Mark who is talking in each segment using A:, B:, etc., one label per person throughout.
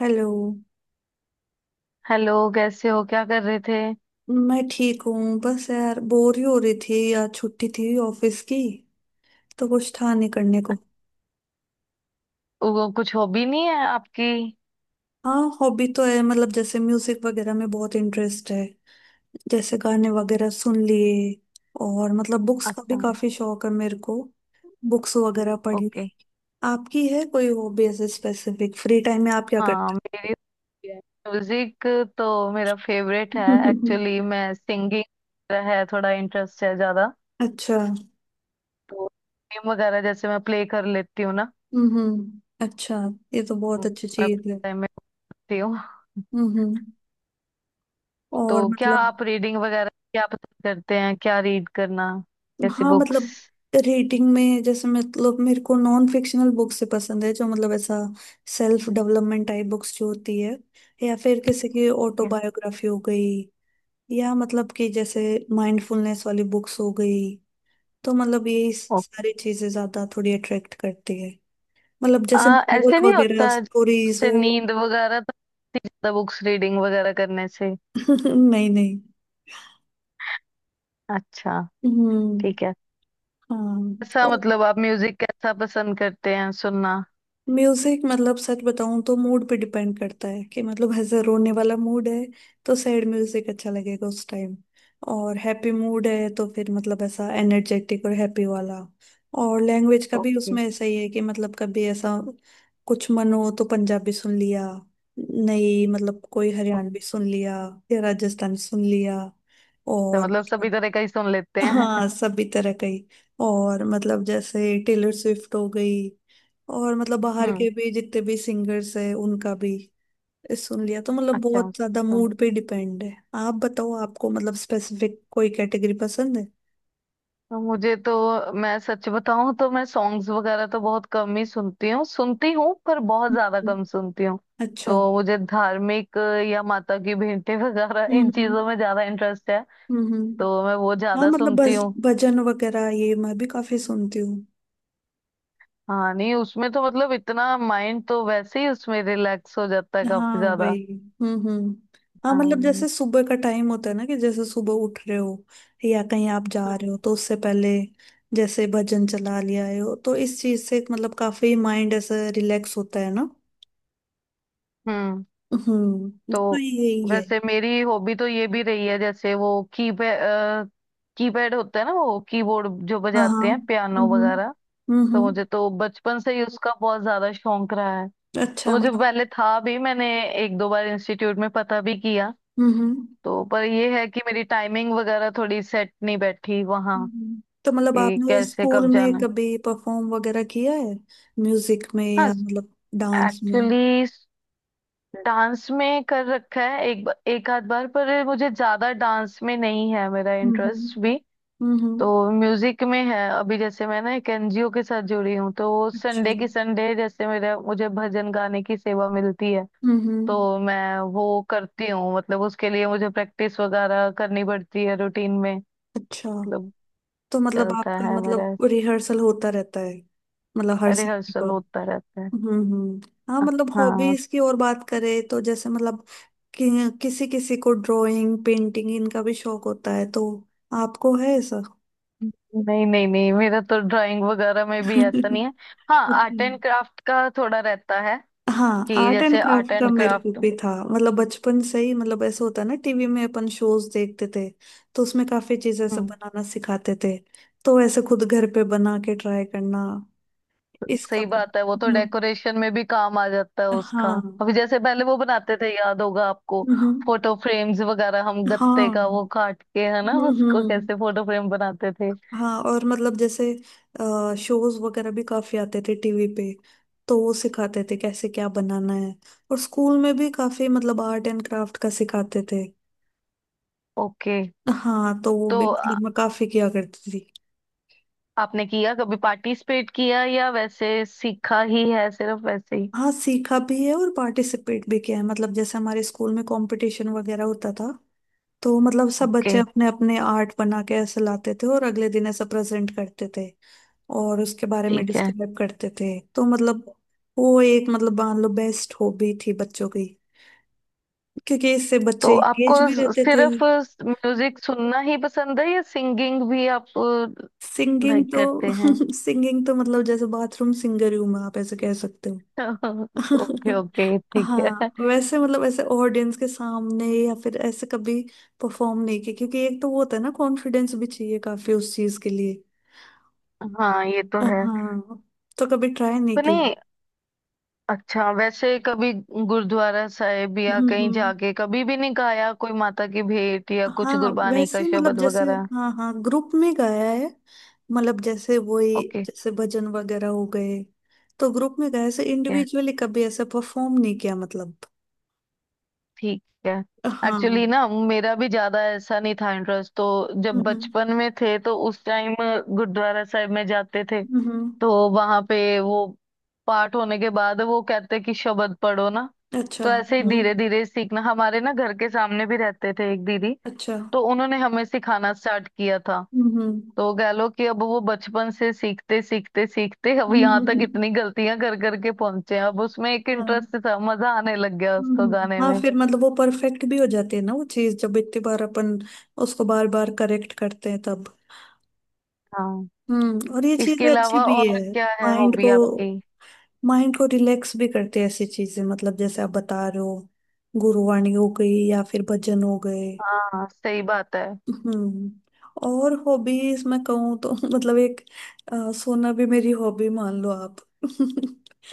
A: Hello.
B: Hello, कैसे हो? क्या कर रहे थे?
A: मैं ठीक हूँ, बस यार बोर ही हो रही थी। यार छुट्टी थी ऑफिस की, तो कुछ था नहीं करने को।
B: वो कुछ हॉबी नहीं है आपकी?
A: हाँ हॉबी तो है, मतलब जैसे म्यूजिक वगैरह में बहुत इंटरेस्ट है। जैसे गाने वगैरह सुन लिए, और मतलब बुक्स का भी
B: अच्छा।
A: काफी शौक है मेरे को। बुक्स वगैरह पढ़ ली।
B: ओके।
A: आपकी है कोई हॉबी ऐसे स्पेसिफिक, फ्री टाइम में आप क्या
B: हाँ,
A: करते
B: मेरी। म्यूजिक। तो मेरा फेवरेट है
A: हो?
B: एक्चुअली। मैं सिंगिंग है, थोड़ा इंटरेस्ट है ज्यादा।
A: अच्छा।
B: तो गेम वगैरह जैसे मैं प्ले कर लेती हूँ ना।
A: अच्छा। ये तो
B: म-
A: बहुत अच्छी
B: मैं
A: चीज है।
B: टाइम में होती हूँ।
A: हम्म हम्म, और
B: तो क्या
A: मतलब
B: आप रीडिंग वगैरह क्या पसंद करते हैं? क्या रीड करना, कैसी
A: हाँ
B: बुक्स?
A: मतलब रीडिंग में जैसे, मतलब मेरे को नॉन फिक्शनल बुक्स से पसंद है, जो मतलब ऐसा सेल्फ डेवलपमेंट टाइप बुक्स जो होती है, या फिर किसी की ऑटोबायोग्राफी हो गई, या मतलब कि जैसे माइंडफुलनेस वाली बुक्स हो गई। तो मतलब यही सारी चीजें ज्यादा थोड़ी अट्रैक्ट करती है। मतलब जैसे
B: ऐसे
A: नोवेल
B: नहीं
A: वगैरह
B: होता।
A: स्टोरीज
B: उससे
A: वो
B: नींद वगैरह तो आती है ज्यादा, बुक्स रीडिंग वगैरह करने से।
A: नहीं नहीं।
B: अच्छा।
A: हम्म।
B: ठीक है। ऐसा
A: हाँ
B: मतलब आप म्यूजिक कैसा पसंद करते हैं सुनना?
A: म्यूजिक मतलब सच बताऊं तो मूड पे डिपेंड करता है। कि मतलब ऐसा रोने वाला मूड है तो सैड म्यूजिक अच्छा लगेगा उस टाइम, और हैप्पी मूड है तो फिर मतलब ऐसा एनर्जेटिक और हैप्पी वाला। और लैंग्वेज का भी
B: ओके।
A: उसमें ऐसा ही है कि मतलब कभी ऐसा कुछ मन हो तो पंजाबी सुन लिया, नहीं मतलब कोई हरियाणवी सुन लिया, या राजस्थानी सुन लिया।
B: ओके,
A: और
B: मतलब सभी तरह का ही सुन लेते हैं।
A: हाँ सभी तरह का ही। और मतलब जैसे टेलर स्विफ्ट हो गई, और मतलब बाहर
B: हम्म।
A: के भी जितने भी सिंगर्स हैं उनका भी सुन लिया। तो मतलब
B: अच्छा।
A: बहुत ज्यादा
B: तो,
A: मूड पे डिपेंड है। आप बताओ, आपको मतलब स्पेसिफिक कोई कैटेगरी पसंद है?
B: तो मुझे तो मैं सच बताऊं तो मैं सॉन्ग्स वगैरह तो बहुत कम ही सुनती हूँ पर बहुत ज्यादा
A: हम्म।
B: कम सुनती हूँ।
A: अच्छा।
B: तो मुझे धार्मिक या माता की भेंटें वगैरह इन
A: हम्म
B: चीजों में ज्यादा इंटरेस्ट है।
A: हम्म।
B: तो
A: हम्म।
B: मैं वो
A: हाँ
B: ज्यादा
A: मतलब
B: सुनती
A: बस
B: हूँ।
A: भजन वगैरह ये मैं भी काफी सुनती हूँ।
B: हाँ नहीं उसमें तो मतलब इतना माइंड तो वैसे ही उसमें रिलैक्स हो जाता है काफी
A: हाँ
B: ज्यादा।
A: वही। हम्म। हाँ मतलब
B: हाँ।
A: जैसे सुबह का टाइम होता है ना, कि जैसे सुबह उठ रहे हो, या कहीं आप जा रहे हो तो उससे पहले जैसे भजन चला लिया हो तो इस चीज से मतलब काफी माइंड ऐसा रिलैक्स होता है ना।
B: हम्म।
A: हम्म। तो
B: तो
A: यही है।
B: वैसे मेरी हॉबी तो ये भी रही है जैसे वो कीपैड कीपैड होता है ना, वो कीबोर्ड जो
A: हाँ हाँ।
B: बजाते हैं पियानो
A: हम्म
B: वगैरह।
A: हम्म।
B: तो मुझे तो बचपन से ही उसका बहुत ज्यादा शौक रहा है। तो
A: अच्छा।
B: मुझे
A: मतलब
B: पहले था भी, मैंने एक दो बार इंस्टीट्यूट में पता भी किया।
A: हम्म हम्म।
B: तो पर ये है कि मेरी टाइमिंग वगैरह थोड़ी सेट नहीं बैठी वहाँ,
A: हम्म। तो मतलब
B: कि
A: आपने
B: कैसे
A: स्कूल
B: कब जाना
A: में
B: है।
A: कभी परफॉर्म वगैरह किया है म्यूजिक में,
B: हाँ।
A: या मतलब डांस में?
B: एक्चुअली डांस में कर रखा है एक आध बार, पर मुझे ज्यादा डांस में नहीं है मेरा
A: हम्म।
B: इंटरेस्ट भी।
A: हम्म,
B: तो
A: हम्म,
B: म्यूजिक में है अभी जैसे मैं ना एक एनजीओ के साथ जुड़ी हूँ, तो वो
A: अच्छा।
B: संडे की संडे जैसे मेरा मुझे भजन गाने की सेवा मिलती है।
A: हम्म हम्म,
B: तो मैं वो करती हूँ, मतलब उसके लिए मुझे प्रैक्टिस वगैरह करनी पड़ती है रूटीन में।
A: अच्छा।
B: मतलब
A: तो मतलब
B: चलता
A: आपका
B: है मेरा,
A: मतलब रिहर्सल होता रहता है, मतलब हर सीख
B: रिहर्सल
A: को?
B: होता रहता है।
A: हम्म। हाँ मतलब
B: हाँ।
A: हॉबीज की और बात करें, तो जैसे मतलब किसी किसी को ड्राइंग पेंटिंग इनका भी शौक होता है, तो आपको है ऐसा?
B: नहीं नहीं नहीं, मेरा तो ड्राइंग वगैरह में भी ऐसा नहीं
A: अच्छा।
B: है। हाँ आर्ट एंड क्राफ्ट का थोड़ा रहता है,
A: हाँ
B: कि
A: आर्ट एंड
B: जैसे आर्ट
A: क्राफ्ट का
B: एंड
A: मेरे को
B: क्राफ्ट।
A: भी था, मतलब बचपन से ही मतलब ऐसा होता ना टीवी में अपन शोज देखते थे, तो उसमें काफी चीजें सब
B: हम्म।
A: बनाना सिखाते थे। तो ऐसे खुद घर पे बना के ट्राई करना इसका
B: सही
A: भी-
B: बात है, वो तो
A: हम्म,
B: डेकोरेशन में भी काम आ जाता है उसका।
A: हाँ।
B: अभी जैसे पहले वो बनाते थे, याद होगा आपको,
A: हम्म।
B: फोटो फ्रेम्स वगैरह हम
A: हाँ।
B: गत्ते का वो काट के, है ना, उसको
A: हम्म।
B: कैसे फोटो फ्रेम बनाते थे।
A: हाँ और मतलब जैसे शोज वगैरह भी काफी आते थे टीवी पे, तो वो सिखाते थे कैसे क्या बनाना है। और स्कूल में भी काफी मतलब आर्ट एंड क्राफ्ट का सिखाते थे।
B: ओके।
A: हाँ तो वो
B: तो
A: भी मतलब मैं काफी किया करती थी।
B: आपने किया कभी पार्टिसिपेट किया या वैसे सीखा ही है सिर्फ वैसे ही?
A: हाँ सीखा भी है और पार्टिसिपेट भी किया है। मतलब जैसे हमारे स्कूल में कंपटीशन वगैरह होता था, तो मतलब सब
B: ओके,
A: बच्चे अपने अपने आर्ट बना के ऐसे लाते थे और अगले दिन ऐसा प्रेजेंट करते थे, और उसके बारे में
B: ठीक है।
A: डिस्क्राइब करते थे। तो मतलब वो एक मतलब मान लो बेस्ट हॉबी थी बच्चों की, क्योंकि इससे बच्चे
B: तो आपको
A: एंगेज भी रहते थे।
B: सिर्फ म्यूजिक सुनना ही पसंद है या सिंगिंग भी आप
A: सिंगिंग
B: लाइक करते
A: तो
B: हैं?
A: सिंगिंग तो मतलब जैसे बाथरूम सिंगर ही हूँ मैं, आप ऐसे कह सकते हो।
B: ओके, ओके, ठीक है।
A: हाँ वैसे मतलब ऐसे ऑडियंस के सामने या फिर ऐसे कभी परफॉर्म नहीं किया, क्योंकि एक तो वो होता है ना, कॉन्फिडेंस भी चाहिए काफी उस चीज के लिए।
B: हाँ, ये तो है।
A: हाँ तो कभी ट्राई नहीं
B: तो
A: की।
B: नहीं। अच्छा, वैसे कभी गुरुद्वारा साहिब या कहीं
A: हम्म।
B: जाके कभी भी नहीं गाया कोई माता की भेंट या कुछ
A: हाँ
B: गुरबानी का
A: वैसे मतलब
B: शब्द
A: जैसे
B: वगैरह?
A: हाँ हाँ ग्रुप में गाया है। मतलब जैसे वही
B: ओके।
A: जैसे भजन वगैरह हो गए, तो ग्रुप में गाया। ऐसे
B: ठीक है।
A: इंडिविजुअली कभी ऐसे परफॉर्म नहीं किया मतलब।
B: ठीक है। एक्चुअली
A: हाँ।
B: ना मेरा भी ज्यादा ऐसा नहीं था इंटरेस्ट, तो जब
A: हम्म
B: बचपन में थे तो उस टाइम गुरुद्वारा साहिब में जाते थे।
A: हम्म,
B: तो वहां पे वो पाठ होने के बाद वो कहते कि शब्द पढ़ो ना।
A: अच्छा।
B: तो ऐसे ही
A: हम्म,
B: धीरे धीरे सीखना, हमारे ना घर के सामने भी रहते थे एक दीदी।
A: अच्छा।
B: तो उन्होंने हमें सिखाना स्टार्ट किया था।
A: हम्म।
B: तो कह लो कि अब वो बचपन से सीखते सीखते सीखते अब यहाँ तक इतनी गलतियां कर करके पहुंचे हैं। अब उसमें एक
A: हाँ।
B: इंटरेस्ट था, मजा आने लग गया उसको गाने
A: हाँ
B: में।
A: फिर मतलब वो परफेक्ट भी हो जाती है ना वो चीज, जब इतनी बार अपन उसको बार बार करेक्ट करते हैं तब।
B: हाँ।
A: हम्म। और ये
B: इसके
A: चीजें अच्छी
B: अलावा
A: भी
B: और
A: है।
B: क्या है
A: माइंड
B: हॉबी
A: को
B: आपकी?
A: माइंड को रिलैक्स भी करते हैं ऐसी चीजें, मतलब जैसे आप बता रहे हो गुरुवाणी हो गई या फिर भजन हो गए।
B: हाँ सही बात है।
A: हम्म। और हॉबीज मैं कहूँ तो मतलब एक सोना भी मेरी हॉबी मान लो आप।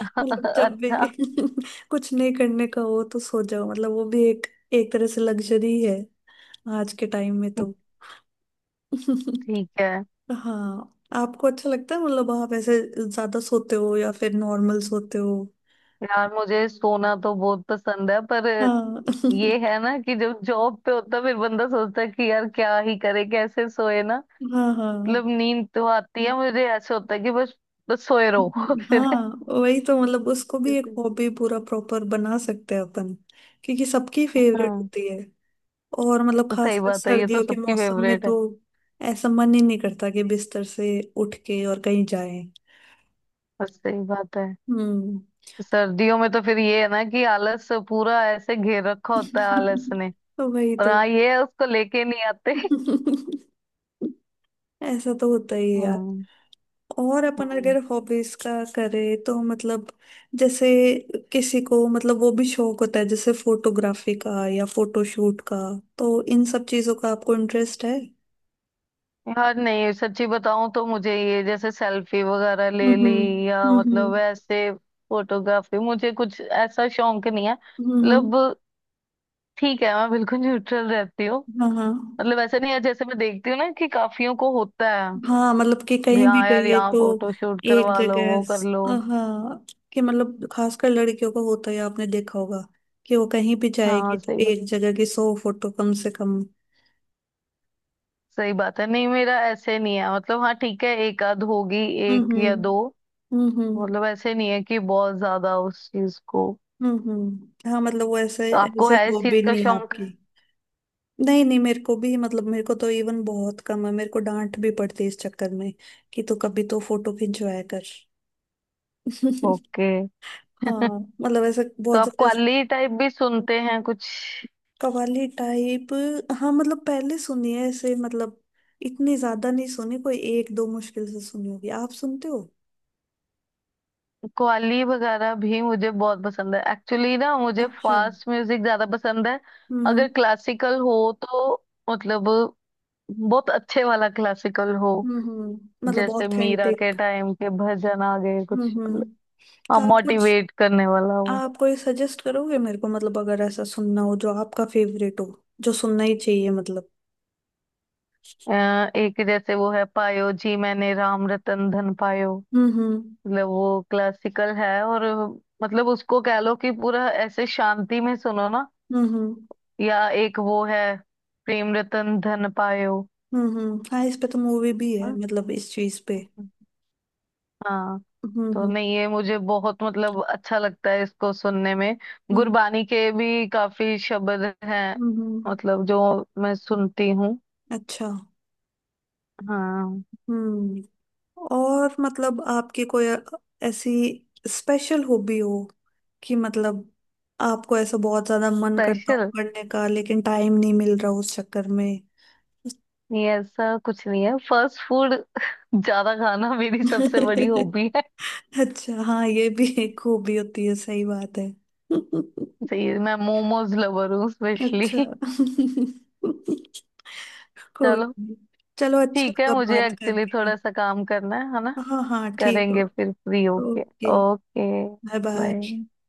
A: जब भी
B: अच्छा।
A: कुछ नहीं करने का हो तो सो जाओ, मतलब वो भी एक एक तरह से लग्जरी है आज के टाइम में तो।
B: ठीक है।
A: हाँ आपको अच्छा लगता है, मतलब आप ऐसे ज्यादा सोते हो या फिर नॉर्मल सोते हो?
B: यार मुझे सोना तो बहुत पसंद है, पर
A: हाँ
B: ये है ना कि जब जॉब पे होता फिर बंदा सोचता है कि यार क्या ही करे, कैसे सोए ना।
A: हाँ हाँ।
B: मतलब नींद तो आती है मुझे, ऐसा होता है कि बस बस सोए रहो। फिर
A: हाँ वही तो। मतलब उसको भी एक
B: इसलिए-
A: हॉबी पूरा प्रॉपर बना सकते हैं अपन, क्योंकि सबकी फेवरेट
B: हाँ।
A: होती है। और मतलब
B: तो सही
A: खासकर
B: बात है, ये तो
A: सर्दियों के
B: सबकी
A: मौसम में
B: फेवरेट है।
A: तो ऐसा मन ही नहीं करता कि बिस्तर से उठ के और कहीं जाए।
B: बस सही बात है।
A: हम्म।
B: सर्दियों में तो फिर ये है ना कि आलस पूरा ऐसे घेर रखा होता है आलस ने।
A: तो वही
B: और
A: तो।
B: हाँ ये है, उसको लेके नहीं आते।
A: ऐसा तो होता ही है यार।
B: हाँ,
A: और अपन
B: हाँ।
A: अगर हॉबीज का करें तो मतलब जैसे किसी को मतलब वो भी शौक होता है जैसे फोटोग्राफी का या फोटोशूट का, तो इन सब चीजों का आपको इंटरेस्ट है?
B: यार नहीं, सच्ची बताऊं तो मुझे ये जैसे सेल्फी वगैरह
A: हम्म
B: ले ली या
A: हम्म।
B: मतलब ऐसे फोटोग्राफी, मुझे कुछ ऐसा शौक नहीं है
A: हम्म,
B: मतलब। ठीक है, मैं बिल्कुल न्यूट्रल रहती हूँ।
A: हाँ हाँ।
B: मतलब ऐसा नहीं है, जैसे मैं देखती हूँ ना कि काफियों को होता है
A: हाँ मतलब कि
B: भी,
A: कहीं भी
B: हाँ यार
A: गए
B: यहाँ
A: तो
B: फोटो शूट
A: एक
B: करवा लो,
A: जगह
B: वो कर लो।
A: हाँ, कि मतलब खासकर लड़कियों का होता है आपने देखा होगा, कि वो कहीं भी जाएगी
B: हाँ
A: तो
B: सही बात।
A: एक जगह की सौ फोटो कम से कम।
B: सही बात है, नहीं मेरा ऐसे नहीं है मतलब, हाँ ठीक है एक आध होगी, एक या दो।
A: हम्म। हम्म।
B: मतलब ऐसे नहीं है कि बहुत ज्यादा उस चीज को।
A: हम्म। हाँ मतलब वो ऐसे
B: तो आपको
A: ऐसे
B: है इस चीज
A: हॉबी
B: का
A: नहीं है
B: शौक?
A: आपकी। नहीं नहीं, मेरे को भी मतलब मेरे को तो इवन बहुत कम है। मेरे को डांट भी पड़ती है इस चक्कर में, कि तू कभी तो फोटो खिंचवाया कर।
B: ओके।
A: हाँ मतलब ऐसे
B: तो
A: बहुत
B: आप
A: ज्यादा ऐसे।
B: कव्वाली टाइप भी सुनते हैं कुछ?
A: कव्वाली टाइप? हाँ मतलब पहले सुनी है ऐसे, मतलब इतनी ज्यादा नहीं सुनी, कोई एक दो मुश्किल से सुनी होगी। आप सुनते हो?
B: कव्वाली वगैरह भी मुझे बहुत पसंद है, एक्चुअली ना मुझे
A: अच्छा।
B: फास्ट म्यूजिक ज्यादा पसंद है।
A: हम्म।
B: अगर क्लासिकल हो, तो मतलब बहुत अच्छे वाला क्लासिकल हो।
A: मतलब
B: जैसे मीरा के
A: ऑथेंटिक।
B: टाइम के भजन आ गए कुछ।
A: हम्म।
B: हाँ,
A: तो आप कुछ
B: मोटिवेट करने वाला हो।
A: आप कोई सजेस्ट करोगे मेरे को, मतलब अगर ऐसा सुनना हो जो आपका फेवरेट हो, जो सुनना ही चाहिए मतलब।
B: अ, एक जैसे वो है पायो जी मैंने राम रतन धन पायो।
A: हम्म।
B: मतलब वो क्लासिकल है, और मतलब उसको कह लो कि पूरा ऐसे शांति में सुनो ना।
A: हम्म
B: या एक वो है प्रेम रतन धन पायो
A: हम्म। हाँ, इस पे तो मूवी भी है,
B: ना?
A: मतलब इस चीज पे।
B: हाँ। तो
A: हम्म।
B: नहीं ये मुझे बहुत मतलब अच्छा लगता है इसको सुनने में।
A: हम्म
B: गुरबानी के भी काफी शब्द हैं,
A: हम्म। हम्म।
B: मतलब जो मैं सुनती हूँ।
A: अच्छा।
B: हाँ।
A: हम्म। और मतलब आपकी कोई ऐसी स्पेशल हॉबी हो, कि मतलब आपको ऐसा बहुत ज्यादा मन करता हो
B: स्पेशल,
A: करने का, लेकिन टाइम नहीं मिल रहा उस चक्कर में?
B: नहीं ऐसा कुछ नहीं है, फास्ट फूड ज्यादा खाना मेरी सबसे बड़ी हॉबी है।
A: अच्छा हाँ ये भी एक खूबी होती है, सही बात है।
B: सही है, मैं मोमोज लवर हूँ स्पेशली।
A: अच्छा। कोई
B: चलो
A: नहीं। चलो अच्छा
B: ठीक है,
A: लगा
B: मुझे
A: बात
B: एक्चुअली
A: करके।
B: थोड़ा सा काम करना है ना।
A: हाँ हाँ ठीक हो।
B: करेंगे फिर फ्री होके।
A: Okay.
B: Okay.
A: Bye bye.
B: Bye.